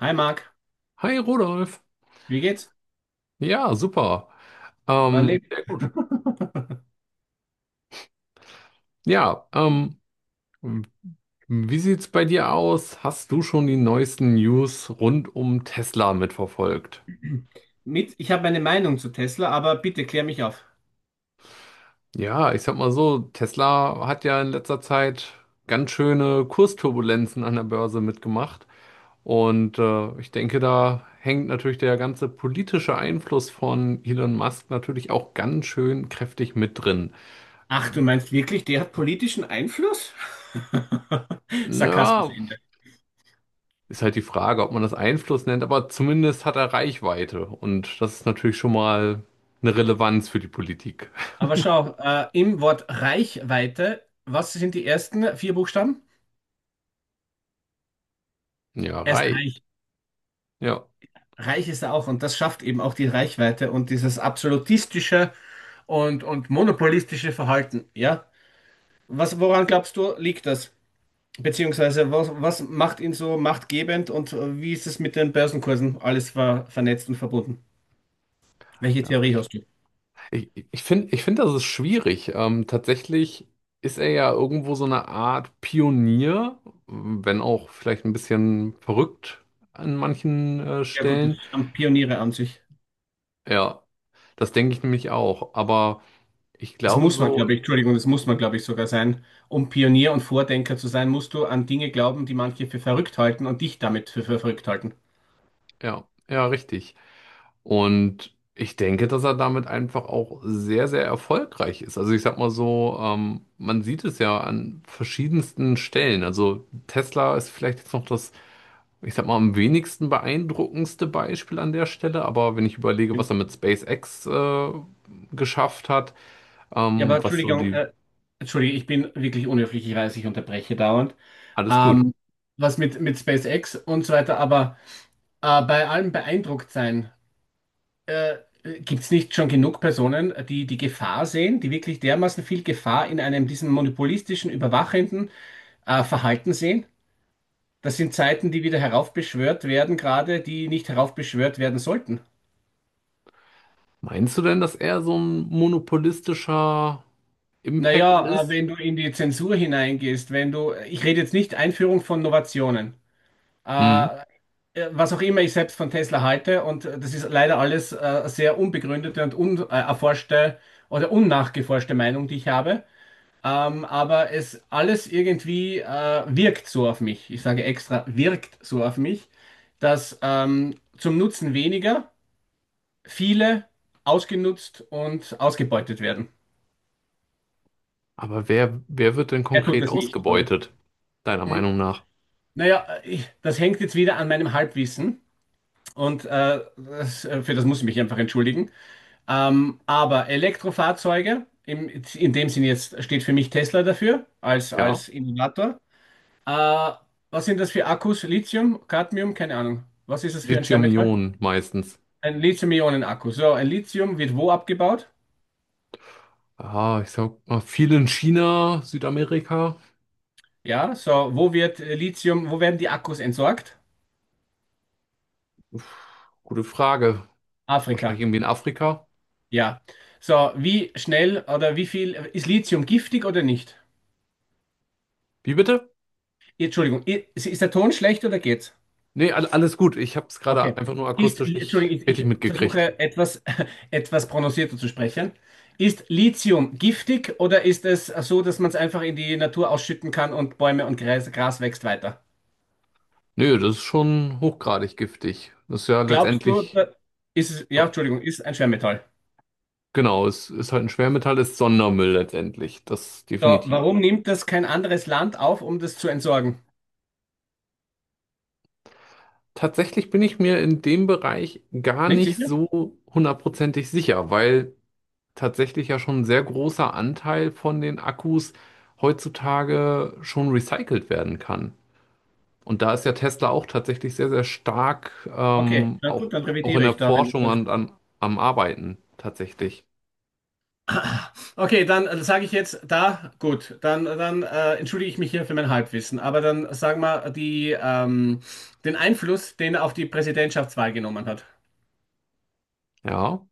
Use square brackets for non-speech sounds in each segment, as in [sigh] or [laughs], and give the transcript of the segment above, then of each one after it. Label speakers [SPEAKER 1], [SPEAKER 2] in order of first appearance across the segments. [SPEAKER 1] Hi Marc,
[SPEAKER 2] Hi Rudolf.
[SPEAKER 1] wie geht's?
[SPEAKER 2] Ja, super.
[SPEAKER 1] Man lebt
[SPEAKER 2] Sehr gut. Ja, wie sieht's bei dir aus? Hast du schon die neuesten News rund um Tesla mitverfolgt?
[SPEAKER 1] mit. Ich habe meine Meinung zu Tesla, aber bitte klär mich auf.
[SPEAKER 2] Ja, ich sag mal so, Tesla hat ja in letzter Zeit ganz schöne Kursturbulenzen an der Börse mitgemacht. Und ich denke, da hängt natürlich der ganze politische Einfluss von Elon Musk natürlich auch ganz schön kräftig mit drin.
[SPEAKER 1] Ach, du meinst wirklich, der hat politischen Einfluss? [laughs] Sarkasmus
[SPEAKER 2] Na,
[SPEAKER 1] Ende.
[SPEAKER 2] ist halt die Frage, ob man das Einfluss nennt, aber zumindest hat er Reichweite und das ist natürlich schon mal eine Relevanz für die Politik.
[SPEAKER 1] Aber schau, im Wort Reichweite, was sind die ersten vier Buchstaben?
[SPEAKER 2] Ja,
[SPEAKER 1] Er ist
[SPEAKER 2] reich.
[SPEAKER 1] reich.
[SPEAKER 2] Ja.
[SPEAKER 1] Reich ist er auch und das schafft eben auch die Reichweite und dieses absolutistische und monopolistische Verhalten. Ja? Woran glaubst du, liegt das? Beziehungsweise, was macht ihn so machtgebend und wie ist es mit den Börsenkursen? Alles war vernetzt und verbunden. Welche
[SPEAKER 2] Ja,
[SPEAKER 1] Theorie
[SPEAKER 2] ich
[SPEAKER 1] hast du?
[SPEAKER 2] ich, ich finde, das ist schwierig. Tatsächlich ist er ja irgendwo so eine Art Pionier, wenn auch vielleicht ein bisschen verrückt an manchen
[SPEAKER 1] Ja gut,
[SPEAKER 2] Stellen.
[SPEAKER 1] das haben Pioniere an sich.
[SPEAKER 2] Ja, das denke ich nämlich auch. Aber ich
[SPEAKER 1] Das
[SPEAKER 2] glaube
[SPEAKER 1] muss man,
[SPEAKER 2] so,
[SPEAKER 1] glaube ich, Entschuldigung, das muss man, glaube ich, sogar sein. Um Pionier und Vordenker zu sein, musst du an Dinge glauben, die manche für verrückt halten und dich damit für verrückt halten.
[SPEAKER 2] ja, ja, richtig. Und ich denke, dass er damit einfach auch sehr, sehr erfolgreich ist. Also ich sag mal so, man sieht es ja an verschiedensten Stellen. Also Tesla ist vielleicht jetzt noch das, ich sag mal, am wenigsten beeindruckendste Beispiel an der Stelle. Aber wenn ich überlege, was
[SPEAKER 1] Stimmt.
[SPEAKER 2] er mit SpaceX geschafft hat,
[SPEAKER 1] Ja,
[SPEAKER 2] ähm,
[SPEAKER 1] aber
[SPEAKER 2] was so
[SPEAKER 1] Entschuldigung,
[SPEAKER 2] die,
[SPEAKER 1] Entschuldigung, ich bin wirklich unhöflich, ich weiß, ich unterbreche dauernd.
[SPEAKER 2] alles gut.
[SPEAKER 1] Ähm, was mit SpaceX und so weiter, aber bei allem beeindruckt sein. Äh, gibt es nicht schon genug Personen, die die Gefahr sehen, die wirklich dermaßen viel Gefahr in einem diesem monopolistischen, überwachenden Verhalten sehen? Das sind Zeiten, die wieder heraufbeschwört werden, gerade die nicht heraufbeschwört werden sollten.
[SPEAKER 2] Meinst du denn, dass er so ein monopolistischer Impact
[SPEAKER 1] Naja,
[SPEAKER 2] ist?
[SPEAKER 1] wenn du in die Zensur hineingehst, wenn du, ich rede jetzt nicht Einführung von Innovationen,
[SPEAKER 2] Hm.
[SPEAKER 1] äh, was auch immer ich selbst von Tesla halte, und das ist leider alles sehr unbegründete und unerforschte oder unnachgeforschte Meinung, die ich habe. Aber es alles irgendwie wirkt so auf mich. Ich sage extra, wirkt so auf mich, dass zum Nutzen weniger viele ausgenutzt und ausgebeutet werden.
[SPEAKER 2] Aber wer wird denn
[SPEAKER 1] Er tut
[SPEAKER 2] konkret
[SPEAKER 1] das nicht, oder?
[SPEAKER 2] ausgebeutet, deiner
[SPEAKER 1] Hm,
[SPEAKER 2] Meinung nach?
[SPEAKER 1] naja, ich, das hängt jetzt wieder an meinem Halbwissen und für das muss ich mich einfach entschuldigen. Aber Elektrofahrzeuge, in dem Sinn jetzt steht für mich Tesla dafür
[SPEAKER 2] Ja,
[SPEAKER 1] als Innovator. Äh, was sind das für Akkus? Lithium, Cadmium, keine Ahnung. Was ist das für ein Schwermetall?
[SPEAKER 2] Lithium-Ionen meistens.
[SPEAKER 1] Ein Lithium-Ionen-Akku. So, ein Lithium wird wo abgebaut?
[SPEAKER 2] Ah, ich sag mal, viel in China, Südamerika.
[SPEAKER 1] Ja, so, wo wird wo werden die Akkus entsorgt?
[SPEAKER 2] Uff, gute Frage. Wahrscheinlich
[SPEAKER 1] Afrika.
[SPEAKER 2] irgendwie in Afrika.
[SPEAKER 1] Ja. So, wie schnell oder wie viel ist Lithium giftig oder nicht?
[SPEAKER 2] Wie bitte?
[SPEAKER 1] Entschuldigung, ist der Ton schlecht oder geht's?
[SPEAKER 2] Nee, alles gut. Ich habe es gerade
[SPEAKER 1] Okay.
[SPEAKER 2] einfach nur
[SPEAKER 1] Ist,
[SPEAKER 2] akustisch nicht
[SPEAKER 1] Entschuldigung,
[SPEAKER 2] richtig
[SPEAKER 1] ich
[SPEAKER 2] mitgekriegt.
[SPEAKER 1] versuche etwas, [laughs] etwas prononcierter zu sprechen. Ist Lithium giftig oder ist es so, dass man es einfach in die Natur ausschütten kann und Bäume und Gras wächst weiter?
[SPEAKER 2] Nö, das ist schon hochgradig giftig. Das ist ja
[SPEAKER 1] Glaubst du,
[SPEAKER 2] letztendlich,
[SPEAKER 1] da- ist es, ja,
[SPEAKER 2] so,
[SPEAKER 1] Entschuldigung, ist ein Schwermetall.
[SPEAKER 2] genau, es ist halt ein Schwermetall, ist Sondermüll letztendlich. Das
[SPEAKER 1] So,
[SPEAKER 2] definitiv.
[SPEAKER 1] warum nimmt das kein anderes Land auf, um das zu entsorgen?
[SPEAKER 2] Tatsächlich bin ich mir in dem Bereich gar
[SPEAKER 1] Nicht
[SPEAKER 2] nicht
[SPEAKER 1] sicher?
[SPEAKER 2] so hundertprozentig sicher, weil tatsächlich ja schon ein sehr großer Anteil von den Akkus heutzutage schon recycelt werden kann. Und da ist ja Tesla auch tatsächlich sehr, sehr stark,
[SPEAKER 1] Okay, na
[SPEAKER 2] auch,
[SPEAKER 1] gut, dann
[SPEAKER 2] auch in
[SPEAKER 1] revidiere
[SPEAKER 2] der
[SPEAKER 1] ich da, wenn du
[SPEAKER 2] Forschung
[SPEAKER 1] sagst.
[SPEAKER 2] und an, am Arbeiten tatsächlich.
[SPEAKER 1] Okay, dann sage ich jetzt da, gut, dann entschuldige ich mich hier für mein Halbwissen, aber dann sagen wir die, den Einfluss, den er auf die Präsidentschaftswahl genommen hat,
[SPEAKER 2] Ja,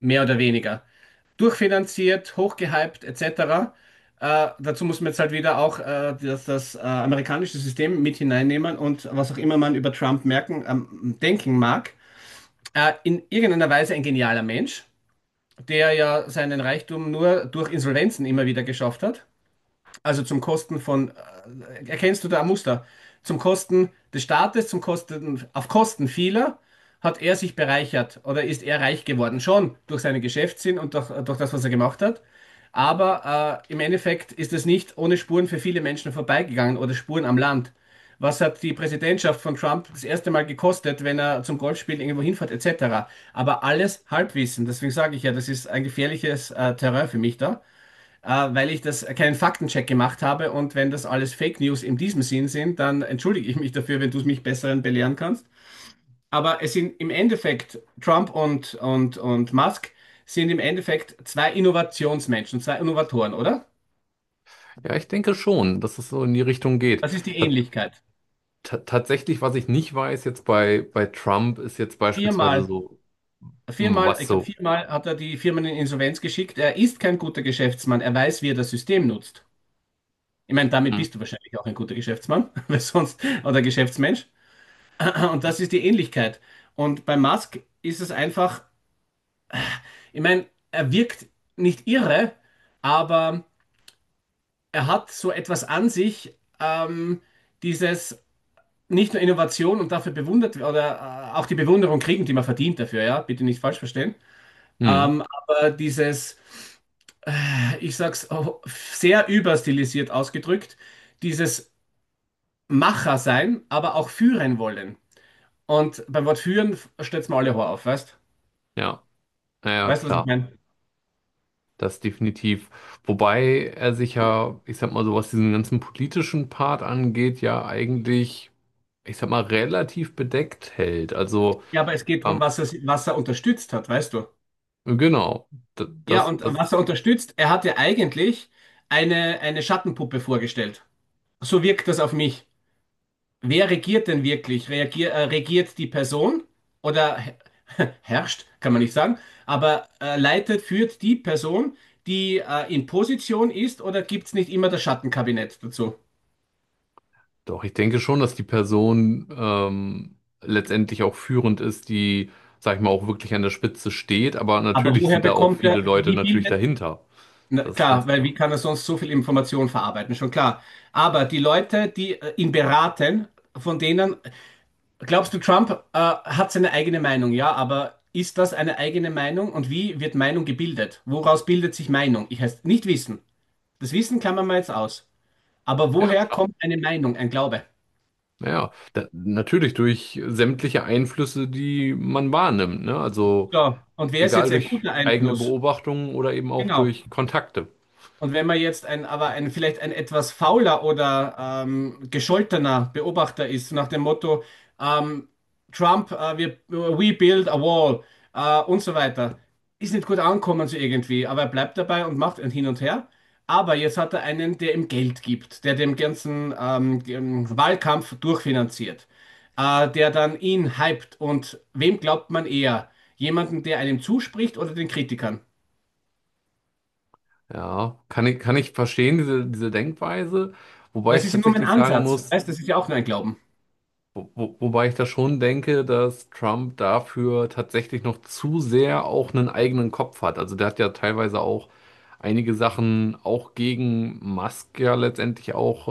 [SPEAKER 1] mehr oder weniger. Durchfinanziert, hochgehypt, etc. Dazu muss man jetzt halt wieder auch das amerikanische System mit hineinnehmen und was auch immer man über Trump denken mag. In irgendeiner Weise ein genialer Mensch, der ja seinen Reichtum nur durch Insolvenzen immer wieder geschafft hat. Also zum Kosten von, erkennst du da ein Muster? Zum Kosten des Staates, zum Kosten, auf Kosten vieler hat er sich bereichert oder ist er reich geworden. Schon durch seinen Geschäftssinn und durch das, was er gemacht hat. Aber im Endeffekt ist es nicht ohne Spuren für viele Menschen vorbeigegangen oder Spuren am Land. Was hat die Präsidentschaft von Trump das erste Mal gekostet, wenn er zum Golfspielen irgendwo hinfährt, etc.? Aber alles Halbwissen. Deswegen sage ich ja, das ist ein gefährliches Terrain für mich da äh, weil ich das keinen Faktencheck gemacht habe. Und wenn das alles Fake News in diesem Sinn sind, dann entschuldige ich mich dafür, wenn du es mich besseren belehren kannst. Aber es sind im Endeffekt Trump und Musk sind im Endeffekt zwei Innovationsmenschen, zwei Innovatoren, oder?
[SPEAKER 2] ja, ich denke schon, dass es so in die Richtung geht.
[SPEAKER 1] Das ist die
[SPEAKER 2] Ta-
[SPEAKER 1] Ähnlichkeit.
[SPEAKER 2] Tatsächlich, was ich nicht weiß jetzt bei Trump, ist jetzt beispielsweise
[SPEAKER 1] Viermal,
[SPEAKER 2] so, hm,
[SPEAKER 1] viermal,
[SPEAKER 2] was
[SPEAKER 1] ich glaube,
[SPEAKER 2] so.
[SPEAKER 1] viermal hat er die Firmen in Insolvenz geschickt. Er ist kein guter Geschäftsmann. Er weiß, wie er das System nutzt. Ich meine, damit
[SPEAKER 2] Hm,
[SPEAKER 1] bist du wahrscheinlich auch ein guter Geschäftsmann, [laughs] weil sonst, oder Geschäftsmensch. [laughs] Und das ist die Ähnlichkeit. Und bei Musk ist es einfach, ich meine, er wirkt nicht irre, aber er hat so etwas an sich, dieses nicht nur Innovation und dafür bewundert oder auch die Bewunderung kriegen, die man verdient dafür, ja, bitte nicht falsch verstehen.
[SPEAKER 2] hm,
[SPEAKER 1] Aber dieses, ich sag's oh, sehr überstilisiert ausgedrückt, dieses Macher sein, aber auch führen wollen. Und beim Wort führen stellt's mir alle Horror auf, weißt?
[SPEAKER 2] ja, naja,
[SPEAKER 1] Weißt du, was ich
[SPEAKER 2] klar.
[SPEAKER 1] meine?
[SPEAKER 2] Das definitiv. Wobei er sich ja, ich sag mal so, was diesen ganzen politischen Part angeht, ja eigentlich, ich sag mal, relativ bedeckt hält. Also,
[SPEAKER 1] Ja, aber es geht darum,
[SPEAKER 2] ähm,
[SPEAKER 1] was er unterstützt hat, weißt du?
[SPEAKER 2] genau,
[SPEAKER 1] Ja,
[SPEAKER 2] das,
[SPEAKER 1] und
[SPEAKER 2] das,
[SPEAKER 1] was er unterstützt, er hat ja eigentlich eine Schattenpuppe vorgestellt. So wirkt das auf mich. Wer regiert denn wirklich? Regiert die Person oder [laughs] herrscht, kann man nicht sagen, aber leitet, führt die Person, die in Position ist oder gibt es nicht immer das Schattenkabinett dazu?
[SPEAKER 2] doch, ich denke schon, dass die Person letztendlich auch führend ist, die, sag ich mal, auch wirklich an der Spitze steht. Aber
[SPEAKER 1] Aber
[SPEAKER 2] natürlich
[SPEAKER 1] woher
[SPEAKER 2] sind da auch
[SPEAKER 1] bekommt
[SPEAKER 2] viele
[SPEAKER 1] er,
[SPEAKER 2] Leute
[SPEAKER 1] wie
[SPEAKER 2] natürlich
[SPEAKER 1] bildet,
[SPEAKER 2] dahinter.
[SPEAKER 1] na,
[SPEAKER 2] Das ist
[SPEAKER 1] klar,
[SPEAKER 2] ganz
[SPEAKER 1] weil
[SPEAKER 2] klar.
[SPEAKER 1] wie kann er sonst so viel Information verarbeiten? Schon klar. Aber die Leute, die ihn beraten, von denen, glaubst du, Trump hat seine eigene Meinung, ja, aber ist das eine eigene Meinung und wie wird Meinung gebildet? Woraus bildet sich Meinung? Ich heißt nicht wissen. Das Wissen klammern wir jetzt aus. Aber
[SPEAKER 2] Ja,
[SPEAKER 1] woher
[SPEAKER 2] klar.
[SPEAKER 1] kommt eine Meinung, ein Glaube?
[SPEAKER 2] Ja, da, natürlich durch sämtliche Einflüsse, die man wahrnimmt, ne? Also
[SPEAKER 1] So, und wer ist
[SPEAKER 2] egal
[SPEAKER 1] jetzt ein
[SPEAKER 2] durch
[SPEAKER 1] guter
[SPEAKER 2] eigene
[SPEAKER 1] Einfluss?
[SPEAKER 2] Beobachtungen oder eben auch
[SPEAKER 1] Genau.
[SPEAKER 2] durch Kontakte.
[SPEAKER 1] Und wenn man jetzt ein, aber ein, vielleicht ein etwas fauler oder gescholtener Beobachter ist, nach dem Motto, ähm, Trump, wir, we build a wall und so weiter, ist nicht gut ankommen so irgendwie, aber er bleibt dabei und macht ein Hin und Her. Aber jetzt hat er einen, der ihm Geld gibt, der dem ganzen dem Wahlkampf durchfinanziert, der dann ihn hypt. Und wem glaubt man eher? Jemanden, der einem zuspricht oder den Kritikern?
[SPEAKER 2] Ja, kann ich verstehen, diese Denkweise, wobei ich
[SPEAKER 1] Das ist ja nur mein
[SPEAKER 2] tatsächlich sagen
[SPEAKER 1] Ansatz.
[SPEAKER 2] muss,
[SPEAKER 1] Weißt, das ist ja auch nur ein Glauben.
[SPEAKER 2] wobei ich da schon denke, dass Trump dafür tatsächlich noch zu sehr auch einen eigenen Kopf hat. Also der hat ja teilweise auch einige Sachen auch gegen Musk ja letztendlich auch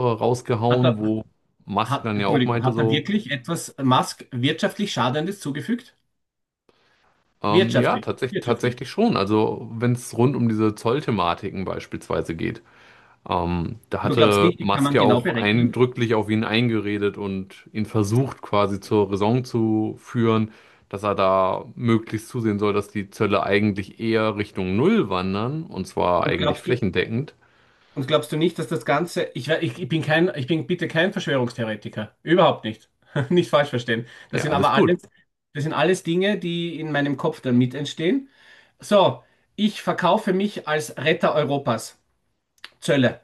[SPEAKER 1] Hat
[SPEAKER 2] rausgehauen,
[SPEAKER 1] er,
[SPEAKER 2] wo Musk dann ja auch
[SPEAKER 1] Entschuldigung,
[SPEAKER 2] meinte
[SPEAKER 1] hat er
[SPEAKER 2] so,
[SPEAKER 1] wirklich etwas Musk wirtschaftlich Schadendes zugefügt?
[SPEAKER 2] ja, tatsächlich,
[SPEAKER 1] Wirtschaftlich.
[SPEAKER 2] tatsächlich schon. Also wenn es rund um diese Zollthematiken beispielsweise geht. Da
[SPEAKER 1] Und du glaubst
[SPEAKER 2] hatte
[SPEAKER 1] nicht, die kann
[SPEAKER 2] Musk
[SPEAKER 1] man
[SPEAKER 2] ja
[SPEAKER 1] genau
[SPEAKER 2] auch
[SPEAKER 1] berechnen?
[SPEAKER 2] eindrücklich auf ihn eingeredet und ihn versucht quasi zur Raison zu führen, dass er da möglichst zusehen soll, dass die Zölle eigentlich eher Richtung Null wandern und zwar
[SPEAKER 1] Und
[SPEAKER 2] eigentlich
[SPEAKER 1] glaubst du,
[SPEAKER 2] flächendeckend.
[SPEAKER 1] und glaubst du nicht, dass das Ganze, ich bin kein, ich bin bitte kein Verschwörungstheoretiker. Überhaupt nicht. [laughs] Nicht falsch verstehen.
[SPEAKER 2] Ja, alles gut.
[SPEAKER 1] Das sind alles Dinge, die in meinem Kopf dann mit entstehen. So, ich verkaufe mich als Retter Europas. Zölle.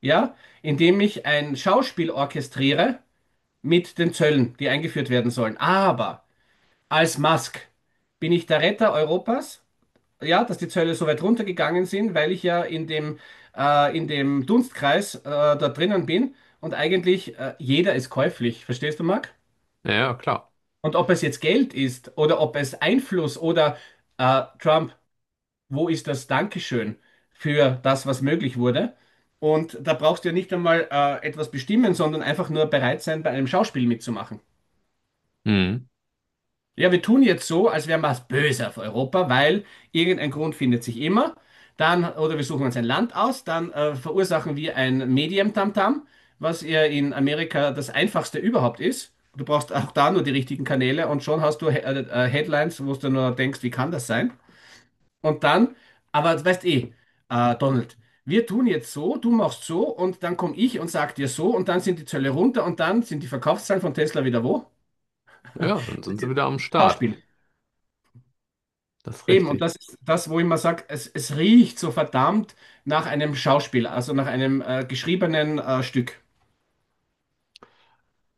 [SPEAKER 1] Ja? Indem ich ein Schauspiel orchestriere, mit den Zöllen, die eingeführt werden sollen. Aber als Musk bin ich der Retter Europas. Ja, dass die Zölle so weit runtergegangen sind, weil ich ja in dem Dunstkreis da drinnen bin und eigentlich jeder ist käuflich. Verstehst du, Marc?
[SPEAKER 2] Ja, ja, klar.
[SPEAKER 1] Und ob es jetzt Geld ist oder ob es Einfluss oder Trump, wo ist das Dankeschön für das, was möglich wurde? Und da brauchst du ja nicht einmal etwas bestimmen, sondern einfach nur bereit sein, bei einem Schauspiel mitzumachen.
[SPEAKER 2] Hm.
[SPEAKER 1] Ja, wir tun jetzt so, als wären wir was böse auf Europa, weil irgendein Grund findet sich immer. Dann, oder wir suchen uns ein Land aus, dann verursachen wir ein Medium-Tamtam, was ja in Amerika das einfachste überhaupt ist. Du brauchst auch da nur die richtigen Kanäle und schon hast du He Headlines, wo du nur denkst, wie kann das sein? Und dann, aber du weißt eh, Donald, wir tun jetzt so, du machst so und dann komme ich und sag dir so und dann sind die Zölle runter und dann sind die Verkaufszahlen von Tesla wieder wo?
[SPEAKER 2] Ja, ja, dann sind sie wieder am Start.
[SPEAKER 1] Schauspiel.
[SPEAKER 2] Das ist
[SPEAKER 1] Eben, und
[SPEAKER 2] richtig.
[SPEAKER 1] das ist das, wo ich immer sage, es riecht so verdammt nach einem Schauspiel, also nach einem geschriebenen Stück.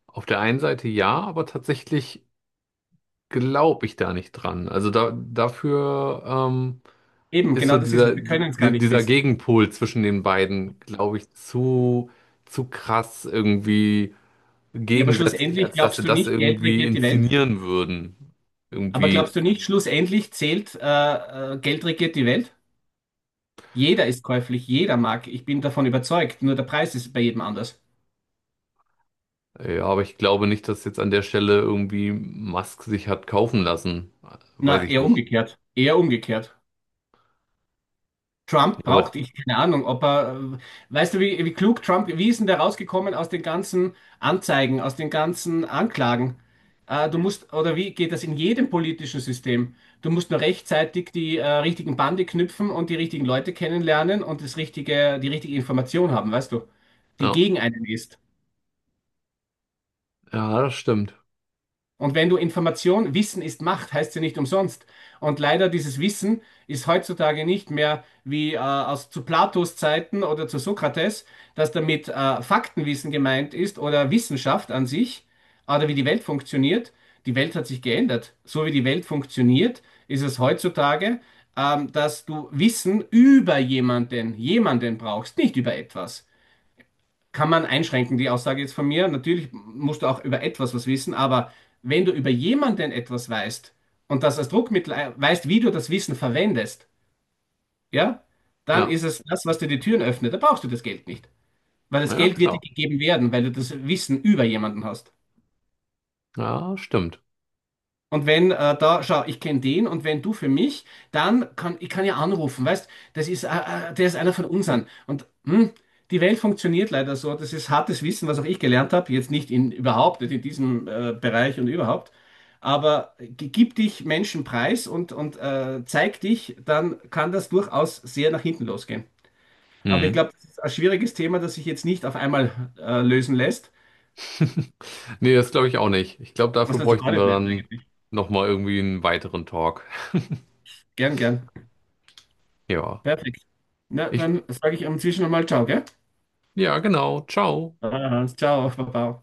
[SPEAKER 2] Auf der einen Seite ja, aber tatsächlich glaube ich da nicht dran. Also da, dafür,
[SPEAKER 1] Eben,
[SPEAKER 2] ist so
[SPEAKER 1] genau das ist es.
[SPEAKER 2] dieser,
[SPEAKER 1] Wir können es gar nicht
[SPEAKER 2] dieser
[SPEAKER 1] wissen.
[SPEAKER 2] Gegenpol zwischen den beiden, glaube ich, zu krass irgendwie
[SPEAKER 1] Ja, aber
[SPEAKER 2] gegensätzlich,
[SPEAKER 1] schlussendlich
[SPEAKER 2] als dass sie
[SPEAKER 1] glaubst du
[SPEAKER 2] das
[SPEAKER 1] nicht, Geld
[SPEAKER 2] irgendwie
[SPEAKER 1] regiert die Welt?
[SPEAKER 2] inszenieren würden.
[SPEAKER 1] Aber
[SPEAKER 2] Irgendwie,
[SPEAKER 1] glaubst du nicht, schlussendlich zählt, Geld regiert die Welt? Jeder ist käuflich, jeder mag. Ich bin davon überzeugt. Nur der Preis ist bei jedem anders.
[SPEAKER 2] ja, aber ich glaube nicht, dass jetzt an der Stelle irgendwie Musk sich hat kaufen lassen. Weiß
[SPEAKER 1] Na,
[SPEAKER 2] ich
[SPEAKER 1] eher
[SPEAKER 2] nicht.
[SPEAKER 1] umgekehrt. Eher umgekehrt. Trump
[SPEAKER 2] Aber
[SPEAKER 1] braucht ich keine Ahnung, ob er, weißt du, wie klug Trump, wie ist denn der rausgekommen aus den ganzen Anzeigen, aus den ganzen Anklagen? Du musst, oder wie geht das in jedem politischen System? Du musst nur rechtzeitig die richtigen Bande knüpfen und die richtigen Leute kennenlernen und das richtige, die richtige Information haben, weißt du, die
[SPEAKER 2] ja,
[SPEAKER 1] gegen einen ist.
[SPEAKER 2] ja, das stimmt.
[SPEAKER 1] Und wenn du Information, Wissen ist Macht, heißt ja nicht umsonst. Und leider dieses Wissen ist heutzutage nicht mehr wie aus zu Platos Zeiten oder zu Sokrates, dass damit Faktenwissen gemeint ist oder Wissenschaft an sich oder wie die Welt funktioniert. Die Welt hat sich geändert. So wie die Welt funktioniert, ist es heutzutage, dass du Wissen über jemanden brauchst, nicht über etwas kann man einschränken, die Aussage jetzt von mir. Natürlich musst du auch über etwas was wissen, aber wenn du über jemanden etwas weißt und das als Druckmittel weißt, wie du das Wissen verwendest, ja, dann
[SPEAKER 2] Ja,
[SPEAKER 1] ist es das, was dir die Türen öffnet. Da brauchst du das Geld nicht, weil das
[SPEAKER 2] ja,
[SPEAKER 1] Geld wird dir
[SPEAKER 2] klar.
[SPEAKER 1] gegeben werden, weil du das Wissen über jemanden hast.
[SPEAKER 2] Ja, stimmt.
[SPEAKER 1] Und wenn da, schau, ich kenne den und wenn du für mich, dann kann ich kann ja anrufen, weißt, das ist, der ist einer von unseren. Und hm, die Welt funktioniert leider so. Das ist hartes Wissen, was auch ich gelernt habe. Jetzt nicht in überhaupt, nicht in diesem Bereich und überhaupt. Aber gib dich Menschen preis und zeig dich, dann kann das durchaus sehr nach hinten losgehen. Aber ich
[SPEAKER 2] Mhm.
[SPEAKER 1] glaube, das ist ein schwieriges Thema, das sich jetzt nicht auf einmal lösen lässt.
[SPEAKER 2] [laughs] Nee, das glaube ich auch nicht. Ich glaube,
[SPEAKER 1] Das
[SPEAKER 2] dafür
[SPEAKER 1] lässt sich gar
[SPEAKER 2] bräuchten
[SPEAKER 1] nicht
[SPEAKER 2] wir
[SPEAKER 1] lösen
[SPEAKER 2] dann
[SPEAKER 1] eigentlich.
[SPEAKER 2] nochmal irgendwie einen weiteren Talk.
[SPEAKER 1] Gern, gern.
[SPEAKER 2] Ja.
[SPEAKER 1] Perfekt. Na,
[SPEAKER 2] Ich,
[SPEAKER 1] dann sage ich inzwischen einmal Ciao, gell?
[SPEAKER 2] ja, genau. Ciao.
[SPEAKER 1] Ah, ciao, Baba.